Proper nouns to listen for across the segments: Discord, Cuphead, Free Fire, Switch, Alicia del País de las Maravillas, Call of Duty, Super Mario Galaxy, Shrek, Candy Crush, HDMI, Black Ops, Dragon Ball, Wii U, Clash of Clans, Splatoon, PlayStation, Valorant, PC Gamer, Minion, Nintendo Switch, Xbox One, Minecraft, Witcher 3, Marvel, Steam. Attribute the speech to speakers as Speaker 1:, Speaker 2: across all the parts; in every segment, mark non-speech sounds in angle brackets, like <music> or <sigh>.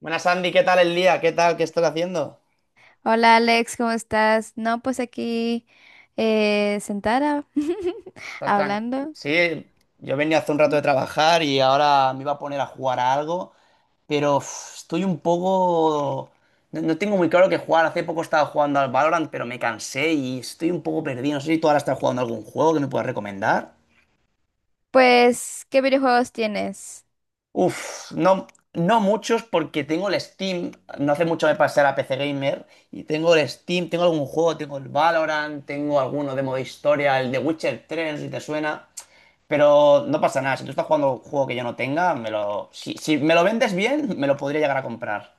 Speaker 1: Buenas, Andy, ¿qué tal el día? ¿Qué tal? ¿Qué estás haciendo?
Speaker 2: Hola Alex, ¿cómo estás? No, pues aquí sentada <laughs>
Speaker 1: ¿Estás tranquilo?
Speaker 2: hablando.
Speaker 1: Sí, yo venía hace un rato de trabajar y ahora me iba a poner a jugar a algo, pero uf, estoy un poco... No, no tengo muy claro qué jugar. Hace poco estaba jugando al Valorant, pero me cansé y estoy un poco perdido. No sé si tú ahora estás jugando a algún juego que me puedas recomendar.
Speaker 2: Pues, ¿qué videojuegos tienes?
Speaker 1: Uf, no, no muchos porque tengo el Steam. No hace mucho me pasé a la PC Gamer y tengo el Steam, tengo algún juego, tengo el Valorant, tengo alguno de modo historia, el de Witcher 3, no si te suena. Pero no pasa nada. Si tú estás jugando un juego que yo no tenga, me lo. Si, si me lo vendes bien, me lo podría llegar a comprar.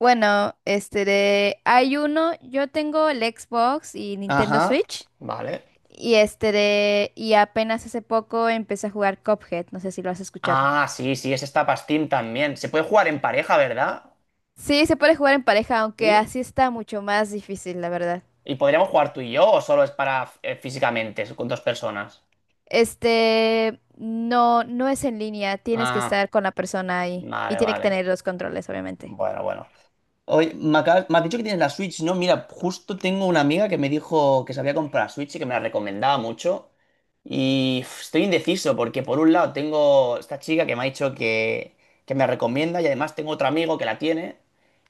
Speaker 2: Bueno, este de hay uno, yo tengo el Xbox y Nintendo
Speaker 1: Ajá.
Speaker 2: Switch
Speaker 1: Vale.
Speaker 2: y este de y apenas hace poco empecé a jugar Cuphead, no sé si lo has escuchado.
Speaker 1: Ah, sí, sí, ese está para Steam también. Se puede jugar en pareja, ¿verdad?
Speaker 2: Sí, se puede jugar en pareja, aunque
Speaker 1: Sí.
Speaker 2: así está mucho más difícil, la verdad.
Speaker 1: ¿Y podríamos jugar tú y yo o solo es para físicamente, con dos personas?
Speaker 2: No, no es en línea, tienes que
Speaker 1: Ah,
Speaker 2: estar con la persona ahí y
Speaker 1: vale,
Speaker 2: tiene que
Speaker 1: vale.
Speaker 2: tener los controles, obviamente.
Speaker 1: Bueno, bueno. Oye, me has dicho que tienes la Switch, ¿no? Mira, justo tengo una amiga que me dijo que se había comprado la Switch y que me la recomendaba mucho. Y uf, estoy indeciso porque por un lado tengo esta chica que me ha dicho que me recomienda y además tengo otro amigo que la tiene.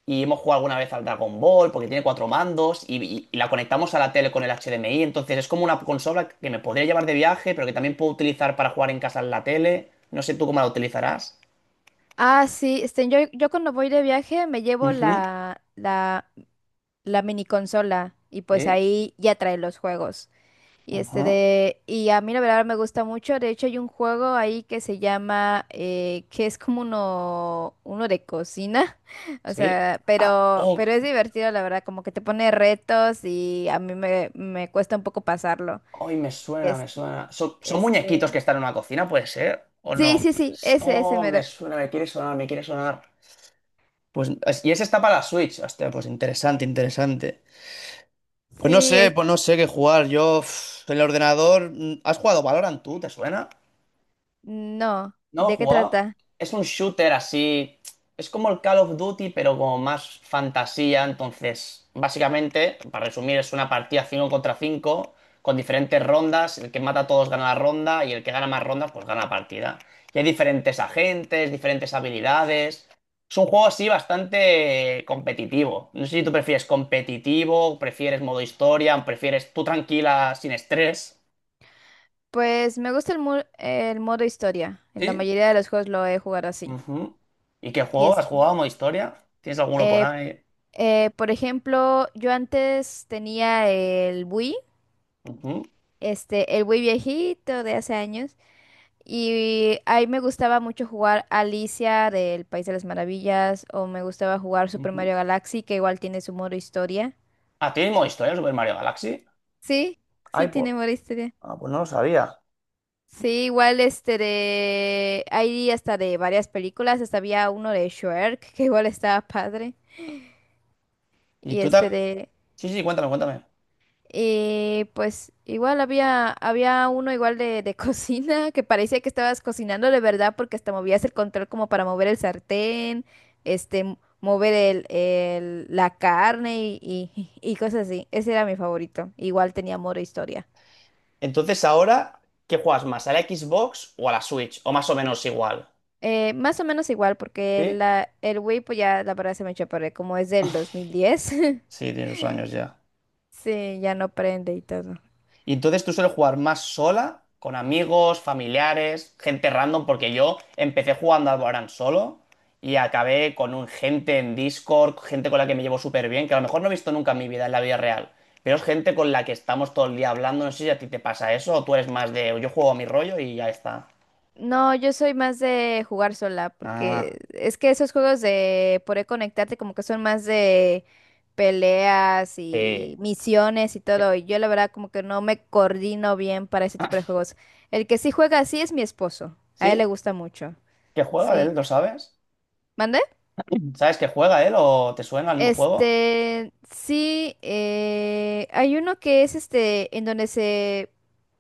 Speaker 1: Y hemos jugado alguna vez al Dragon Ball porque tiene cuatro mandos y la conectamos a la tele con el HDMI. Entonces es como una consola que me podría llevar de viaje, pero que también puedo utilizar para jugar en casa en la tele. No sé tú cómo la utilizarás.
Speaker 2: Ah, sí, yo cuando voy de viaje me llevo
Speaker 1: Ujú,
Speaker 2: la mini consola y pues
Speaker 1: sí.
Speaker 2: ahí ya trae los juegos. Y este
Speaker 1: Ajá.
Speaker 2: de, y a mí la verdad me gusta mucho. De hecho, hay un juego ahí que se llama, que es como uno de cocina. <laughs> O
Speaker 1: Sí.
Speaker 2: sea,
Speaker 1: Ah,
Speaker 2: pero,
Speaker 1: oh,
Speaker 2: pero es divertido, la verdad, como que te pone retos y a mí me cuesta un poco pasarlo.
Speaker 1: ay, me suena, me
Speaker 2: Este,
Speaker 1: suena. ¿Son, son muñequitos
Speaker 2: este,
Speaker 1: que están en una cocina, puede ser? ¿O
Speaker 2: sí,
Speaker 1: no?
Speaker 2: sí, sí, ese
Speaker 1: Oh, me
Speaker 2: mero.
Speaker 1: suena, me quiere sonar, me quiere sonar. Pues, es- y ese está para la Switch. Hostia, pues interesante, interesante.
Speaker 2: Sí,
Speaker 1: Pues no sé qué jugar. Yo, uf, el ordenador. ¿Has jugado Valorant tú? ¿Te suena?
Speaker 2: no,
Speaker 1: No,
Speaker 2: ¿de qué
Speaker 1: jugaba.
Speaker 2: trata?
Speaker 1: Es un shooter así. Es como el Call of Duty, pero como más fantasía. Entonces, básicamente, para resumir, es una partida 5 contra 5 con diferentes rondas. El que mata a todos gana la ronda y el que gana más rondas, pues gana la partida. Y hay diferentes agentes, diferentes habilidades. Es un juego así bastante competitivo. No sé si tú prefieres competitivo, prefieres modo historia, prefieres tú tranquila, sin estrés.
Speaker 2: Pues me gusta el modo historia. En la
Speaker 1: Sí,
Speaker 2: mayoría de los juegos lo he jugado así.
Speaker 1: ujú. ¿Y qué
Speaker 2: Y
Speaker 1: juego?
Speaker 2: es,
Speaker 1: ¿Has jugado modo historia? ¿Tienes alguno por
Speaker 2: eh,
Speaker 1: ahí?
Speaker 2: por ejemplo, yo antes tenía el Wii,
Speaker 1: Ujú,
Speaker 2: el Wii viejito de hace años. Y ahí me gustaba mucho jugar Alicia del País de las Maravillas. O me gustaba jugar Super
Speaker 1: ujú.
Speaker 2: Mario Galaxy, que igual tiene su modo historia.
Speaker 1: Ah, ¿tienes modo historia el Super Mario Galaxy?
Speaker 2: Sí,
Speaker 1: Ay,
Speaker 2: sí
Speaker 1: pues,
Speaker 2: tiene modo historia.
Speaker 1: ah, pues no lo sabía.
Speaker 2: Sí, igual Hay hasta de varias películas, hasta había uno de Shrek, <laughs> que igual estaba padre,
Speaker 1: ¿Y
Speaker 2: y
Speaker 1: tú te...
Speaker 2: este de...
Speaker 1: Sí, sí, cuéntame, cuéntame.
Speaker 2: Y pues igual había uno igual de <laughs> cocina, que parecía que estabas cocinando de verdad porque hasta movías el control como para mover el sartén, este, mover la carne <laughs> y cosas así. Ese era mi favorito. Igual tenía modo historia.
Speaker 1: Entonces, ahora, ¿qué juegas más? ¿A la Xbox o a la Switch? O más o menos igual.
Speaker 2: Más o menos igual, porque
Speaker 1: ¿Sí?
Speaker 2: el Wii, pues ya la verdad se me echó a perder, como es del 2010. <laughs>
Speaker 1: Sí, tiene sus años ya.
Speaker 2: Sí, ya no prende y todo.
Speaker 1: Y entonces tú sueles jugar más sola, con amigos, familiares, gente random, porque yo empecé jugando al Valorant solo y acabé con un gente en Discord, gente con la que me llevo súper bien, que a lo mejor no he visto nunca en mi vida, en la vida real, pero es gente con la que estamos todo el día hablando. No sé si a ti te pasa eso o tú eres más de yo juego a mi rollo y ya está.
Speaker 2: No, yo soy más de jugar sola,
Speaker 1: Ah,
Speaker 2: porque es que esos juegos de poder conectarte como que son más de peleas y
Speaker 1: sí.
Speaker 2: misiones y todo. Y yo la verdad como que no me coordino bien para ese tipo de
Speaker 1: <laughs>
Speaker 2: juegos. El que sí juega así es mi esposo. A él
Speaker 1: ¿Sí?
Speaker 2: le gusta mucho.
Speaker 1: ¿Qué juega
Speaker 2: Sí.
Speaker 1: él? ¿Lo sabes?
Speaker 2: ¿Mande?
Speaker 1: <laughs> ¿Sabes que juega él o te suena el juego?
Speaker 2: Sí, hay uno que es en donde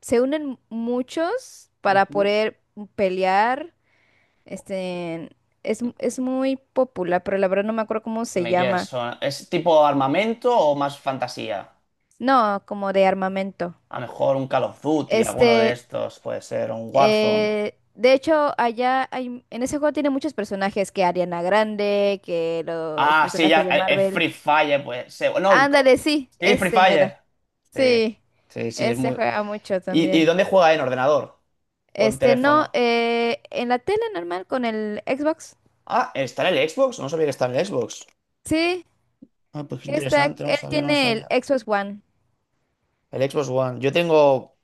Speaker 2: se unen muchos para
Speaker 1: Ujú.
Speaker 2: poder pelear. Este, es muy popular, pero la verdad no me acuerdo cómo se
Speaker 1: Me quieres
Speaker 2: llama.
Speaker 1: sonar. ¿Es tipo armamento o más fantasía?
Speaker 2: No, como de armamento.
Speaker 1: A lo mejor un Call of Duty, alguno de
Speaker 2: Este,
Speaker 1: estos, puede ser, un Warzone.
Speaker 2: de hecho, allá hay, en ese juego tiene muchos personajes, que Ariana Grande, que los
Speaker 1: Ah, sí, ya,
Speaker 2: personajes de
Speaker 1: el
Speaker 2: Marvel.
Speaker 1: Free Fire, pues. No,
Speaker 2: Ándale, sí,
Speaker 1: sí, Free
Speaker 2: este mero.
Speaker 1: Fire. Sí,
Speaker 2: Sí,
Speaker 1: sí, sí, es
Speaker 2: este
Speaker 1: muy.
Speaker 2: juega mucho
Speaker 1: ¿Y
Speaker 2: también.
Speaker 1: dónde juega? ¿En ordenador? ¿O en
Speaker 2: No,
Speaker 1: teléfono?
Speaker 2: en la tele normal con el Xbox.
Speaker 1: Ah, está en el Xbox. No sabía que estaba en el Xbox.
Speaker 2: Sí,
Speaker 1: Ah, pues qué
Speaker 2: que está,
Speaker 1: interesante, no
Speaker 2: él
Speaker 1: sabía, no
Speaker 2: tiene el
Speaker 1: sabía.
Speaker 2: Xbox One.
Speaker 1: El Xbox One. Yo tengo.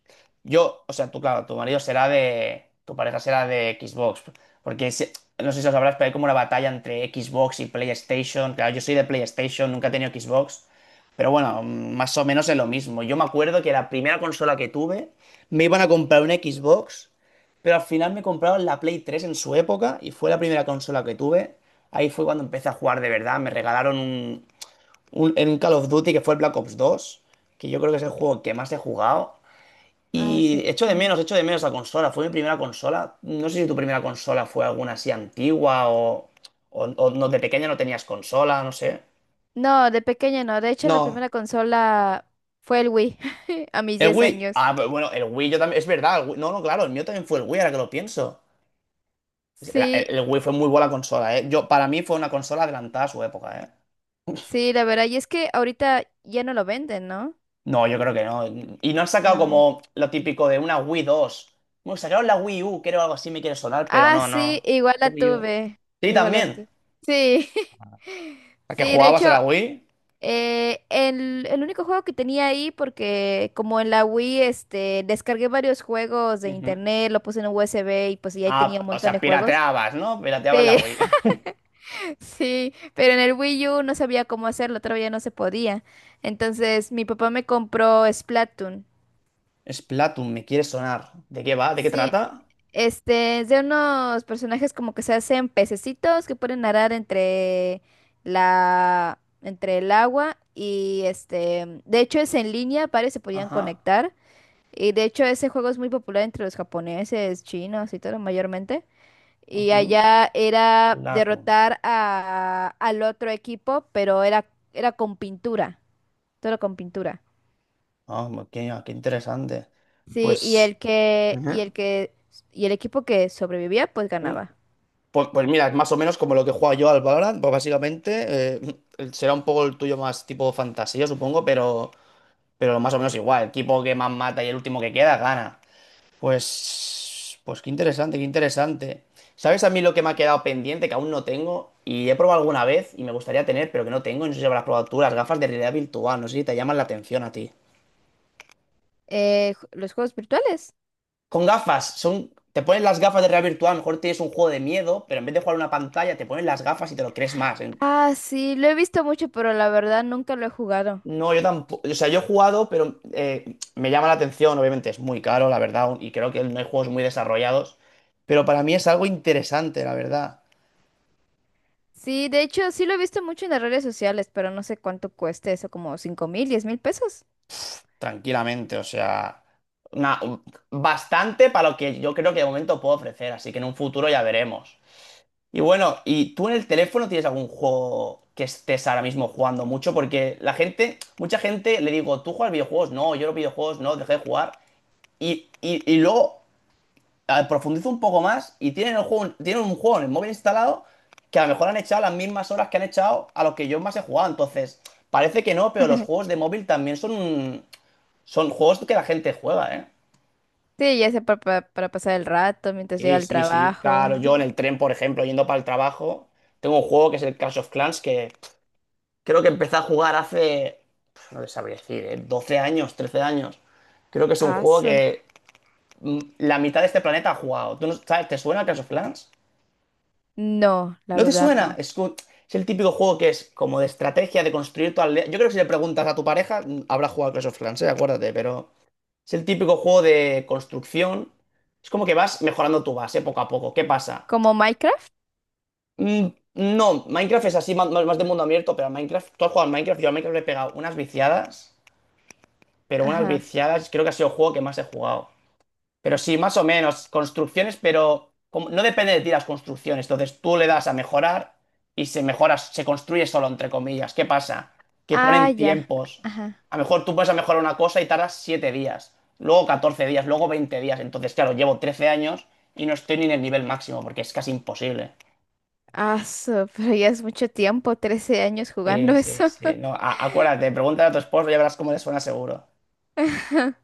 Speaker 1: Yo, o sea, tú, claro, tu marido será de. Tu pareja será de Xbox. Porque no sé si lo sabrás, pero hay como una batalla entre Xbox y PlayStation. Claro, yo soy de PlayStation, nunca he tenido Xbox. Pero bueno, más o menos es lo mismo. Yo me acuerdo que la primera consola que tuve me iban a comprar una Xbox, pero al final me compraron la Play 3 en su época y fue la primera consola que tuve. Ahí fue cuando empecé a jugar de verdad. Me regalaron en un Call of Duty que fue el Black Ops 2 que yo creo que es el juego que más he jugado.
Speaker 2: Ah,
Speaker 1: Y
Speaker 2: sí. Ujú.
Speaker 1: echo de menos la consola. Fue mi primera consola. No sé si tu primera consola fue alguna así antigua o no, de pequeña no tenías consola, no sé.
Speaker 2: No, de pequeña no. De hecho, la primera
Speaker 1: No,
Speaker 2: consola fue el Wii, <laughs> a mis
Speaker 1: el
Speaker 2: 10
Speaker 1: Wii.
Speaker 2: años.
Speaker 1: Ah, pero bueno, el Wii yo también. Es verdad, el Wii- no, no, claro, el mío también fue el Wii, ahora que lo pienso. El,
Speaker 2: Sí,
Speaker 1: el- el Wii fue muy buena consola, ¿eh? Yo, para mí fue una consola adelantada a su época, ¿eh?
Speaker 2: sí, la verdad. Y es que ahorita ya no lo venden, ¿no?
Speaker 1: No, yo creo que no. Y no han sacado
Speaker 2: No.
Speaker 1: como lo típico de una Wii 2. Bueno, sacaron la Wii U, creo algo así me quiere sonar, pero
Speaker 2: Ah,
Speaker 1: no,
Speaker 2: sí,
Speaker 1: no.
Speaker 2: igual
Speaker 1: La
Speaker 2: la
Speaker 1: Wii U.
Speaker 2: tuve.
Speaker 1: Sí,
Speaker 2: Igual la
Speaker 1: también.
Speaker 2: tuve. Sí. <laughs>
Speaker 1: ¿A qué
Speaker 2: Sí, de
Speaker 1: jugabas
Speaker 2: hecho.
Speaker 1: a la Wii?
Speaker 2: El único juego que tenía ahí, porque como en la Wii, descargué varios juegos de
Speaker 1: Ujú.
Speaker 2: internet, lo puse en un USB y pues ya ahí
Speaker 1: Ah,
Speaker 2: tenía un
Speaker 1: o
Speaker 2: montón
Speaker 1: sea,
Speaker 2: de juegos.
Speaker 1: pirateabas, ¿no? Pirateabas la
Speaker 2: Sí,
Speaker 1: Wii. <laughs>
Speaker 2: <laughs> sí, pero en el Wii U no sabía cómo hacerlo, todavía no se podía. Entonces mi papá me compró Splatoon.
Speaker 1: Splatoon, me quiere sonar. ¿De qué va? ¿De qué
Speaker 2: Sí,
Speaker 1: trata?
Speaker 2: es de unos personajes como que se hacen pececitos que pueden nadar entre entre el agua y de hecho es en línea, varios se podían
Speaker 1: Ajá.
Speaker 2: conectar. Y de hecho ese juego es muy popular entre los japoneses, chinos y todo mayormente. Y
Speaker 1: Ujú.
Speaker 2: allá era
Speaker 1: Splatoon.
Speaker 2: derrotar al otro equipo, pero era con pintura, todo con pintura.
Speaker 1: Ah, qué, qué interesante.
Speaker 2: Sí,
Speaker 1: Pues.
Speaker 2: y el equipo que sobrevivía, pues
Speaker 1: Ujú.
Speaker 2: ganaba.
Speaker 1: Pues, pues mira, es más o menos como lo que juego yo al Valorant, pues básicamente eh, <laughs> será un poco el tuyo más tipo fantasía, supongo, pero más o menos igual. El equipo que más mata y el último que queda gana. Pues, pues qué interesante, qué interesante. ¿Sabes a mí lo que me ha quedado pendiente, que aún no tengo? Y he probado alguna vez y me gustaría tener, pero que no tengo, y no sé si habrás probado tú, las gafas de realidad virtual, no sé si te llaman la atención a ti.
Speaker 2: Los juegos virtuales.
Speaker 1: Con gafas, son... Te pones las gafas de realidad virtual, a lo mejor tienes un juego de miedo, pero en vez de jugar a una pantalla, te pones las gafas y te lo crees más. ¿Eh?
Speaker 2: Ah, sí, lo he visto mucho, pero la verdad nunca lo he jugado.
Speaker 1: No, yo tampoco. O sea, yo he jugado, pero me llama la atención. Obviamente es muy caro, la verdad, y creo que no hay juegos muy desarrollados. Pero para mí es algo interesante, la verdad.
Speaker 2: Sí, de hecho sí lo he visto mucho en las redes sociales, pero no sé cuánto cueste eso, como 5,000, 10,000 pesos.
Speaker 1: Tranquilamente, o sea, una- bastante para lo que yo creo que de momento puedo ofrecer. Así que en un futuro ya veremos. Y bueno, ¿y tú en el teléfono tienes algún juego que estés ahora mismo jugando mucho? Porque la gente, mucha gente le digo, ¿tú juegas videojuegos? No, yo los videojuegos no, dejé de jugar. Y luego profundizo un poco más y tienen, el juego, tienen un juego en el móvil instalado que a lo mejor han echado las mismas horas que han echado a los que yo más he jugado. Entonces, parece que no, pero los
Speaker 2: <laughs>
Speaker 1: juegos de móvil también son, son juegos que la gente juega, ¿eh?
Speaker 2: Sí, ya sea para pasar el rato mientras llega
Speaker 1: Sí,
Speaker 2: al
Speaker 1: sí, sí.
Speaker 2: trabajo.
Speaker 1: Claro, yo en el tren, por ejemplo, yendo para el trabajo, tengo un juego que es el Clash of Clans que pff, creo que empecé a jugar hace, pff, no te sabría decir, ¿eh? 12 años, 13 años. Creo que es un juego
Speaker 2: Aso.
Speaker 1: que la mitad de este planeta ha jugado. ¿Tú no, sabes, te suena el Clash of Clans?
Speaker 2: No, la
Speaker 1: ¿No te
Speaker 2: verdad
Speaker 1: suena?
Speaker 2: no.
Speaker 1: Es, es el típico juego que es como de estrategia, de construir tu aldea. Yo creo que si le preguntas a tu pareja, habrá jugado a Clash of Clans, ¿eh? Acuérdate, pero es el típico juego de construcción. Es como que vas mejorando tu base poco a poco. ¿Qué pasa?
Speaker 2: ¿Como Minecraft?
Speaker 1: Mm, no, Minecraft es así, más de mundo abierto, pero a Minecraft, tú has jugado al Minecraft, yo a Minecraft le he pegado unas viciadas, pero unas
Speaker 2: Ajá.
Speaker 1: viciadas, creo que ha sido el juego que más he jugado. Pero sí, más o menos, construcciones, pero no depende de ti las construcciones. Entonces tú le das a mejorar y se mejora, se construye solo, entre comillas. ¿Qué pasa? Que
Speaker 2: Ah,
Speaker 1: ponen
Speaker 2: ya.
Speaker 1: tiempos.
Speaker 2: Ajá.
Speaker 1: A lo mejor tú puedes mejorar una cosa y tardas 7 días, luego 14 días, luego 20 días. Entonces, claro, llevo 13 años y no estoy ni en el nivel máximo porque es casi imposible.
Speaker 2: Aso, <laughs> pero ya es mucho tiempo, 13 años
Speaker 1: Sí,
Speaker 2: jugando
Speaker 1: sí,
Speaker 2: eso.
Speaker 1: sí. No, acuérdate, pregúntale a tu esposo y ya verás cómo le suena seguro.
Speaker 2: <laughs>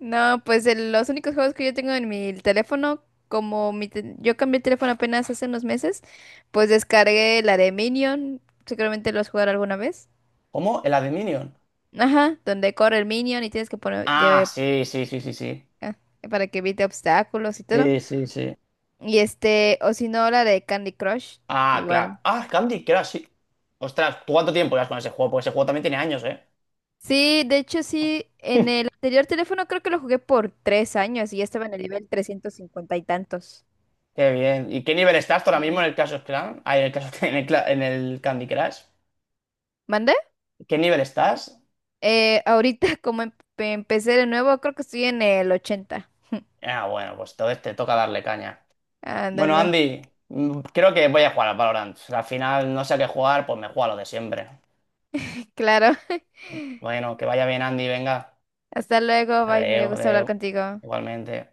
Speaker 2: No, pues los únicos juegos que yo tengo en mi teléfono, como yo cambié el teléfono apenas hace unos meses, pues descargué la de Minion. Seguramente lo has jugado alguna vez.
Speaker 1: ¿Cómo? ¿El Adminion?
Speaker 2: Ajá, donde corre el minion y tienes que poner,
Speaker 1: Ah,
Speaker 2: lleve,
Speaker 1: sí, sí, sí, sí, sí.
Speaker 2: ah, para que evite obstáculos y todo.
Speaker 1: Sí, sí, sí.
Speaker 2: Y o si no, la de Candy Crush,
Speaker 1: Ah, claro.
Speaker 2: igual.
Speaker 1: Ah, Candy Crush, sí. Ostras, ¿tú cuánto tiempo llevas con ese juego? Porque ese juego también tiene años, ¿eh?
Speaker 2: Sí, de hecho sí,
Speaker 1: <laughs>
Speaker 2: en el anterior teléfono creo que lo jugué por 3 años y ya estaba en el nivel 350 y tantos.
Speaker 1: Qué bien. ¿Y qué nivel estás tú ahora mismo en
Speaker 2: Sí.
Speaker 1: el Clash of Clans? Ah, en el, Clash- <laughs> en el Cla- en el Candy Crush.
Speaker 2: ¿Mandé?
Speaker 1: ¿Qué nivel estás?
Speaker 2: Ahorita <laughs> como empecé de nuevo, creo que estoy en el 80.
Speaker 1: Ah, bueno, pues entonces te toca darle caña. Bueno,
Speaker 2: Ándale,
Speaker 1: Andy, creo que voy a jugar al Valorant. Al final no sé a qué jugar, pues me juego a lo de siempre.
Speaker 2: <laughs> claro. <laughs>
Speaker 1: Bueno, que vaya bien, Andy, venga.
Speaker 2: Hasta luego, bye, me
Speaker 1: Adeo,
Speaker 2: gustó hablar
Speaker 1: adeo.
Speaker 2: contigo.
Speaker 1: Igualmente.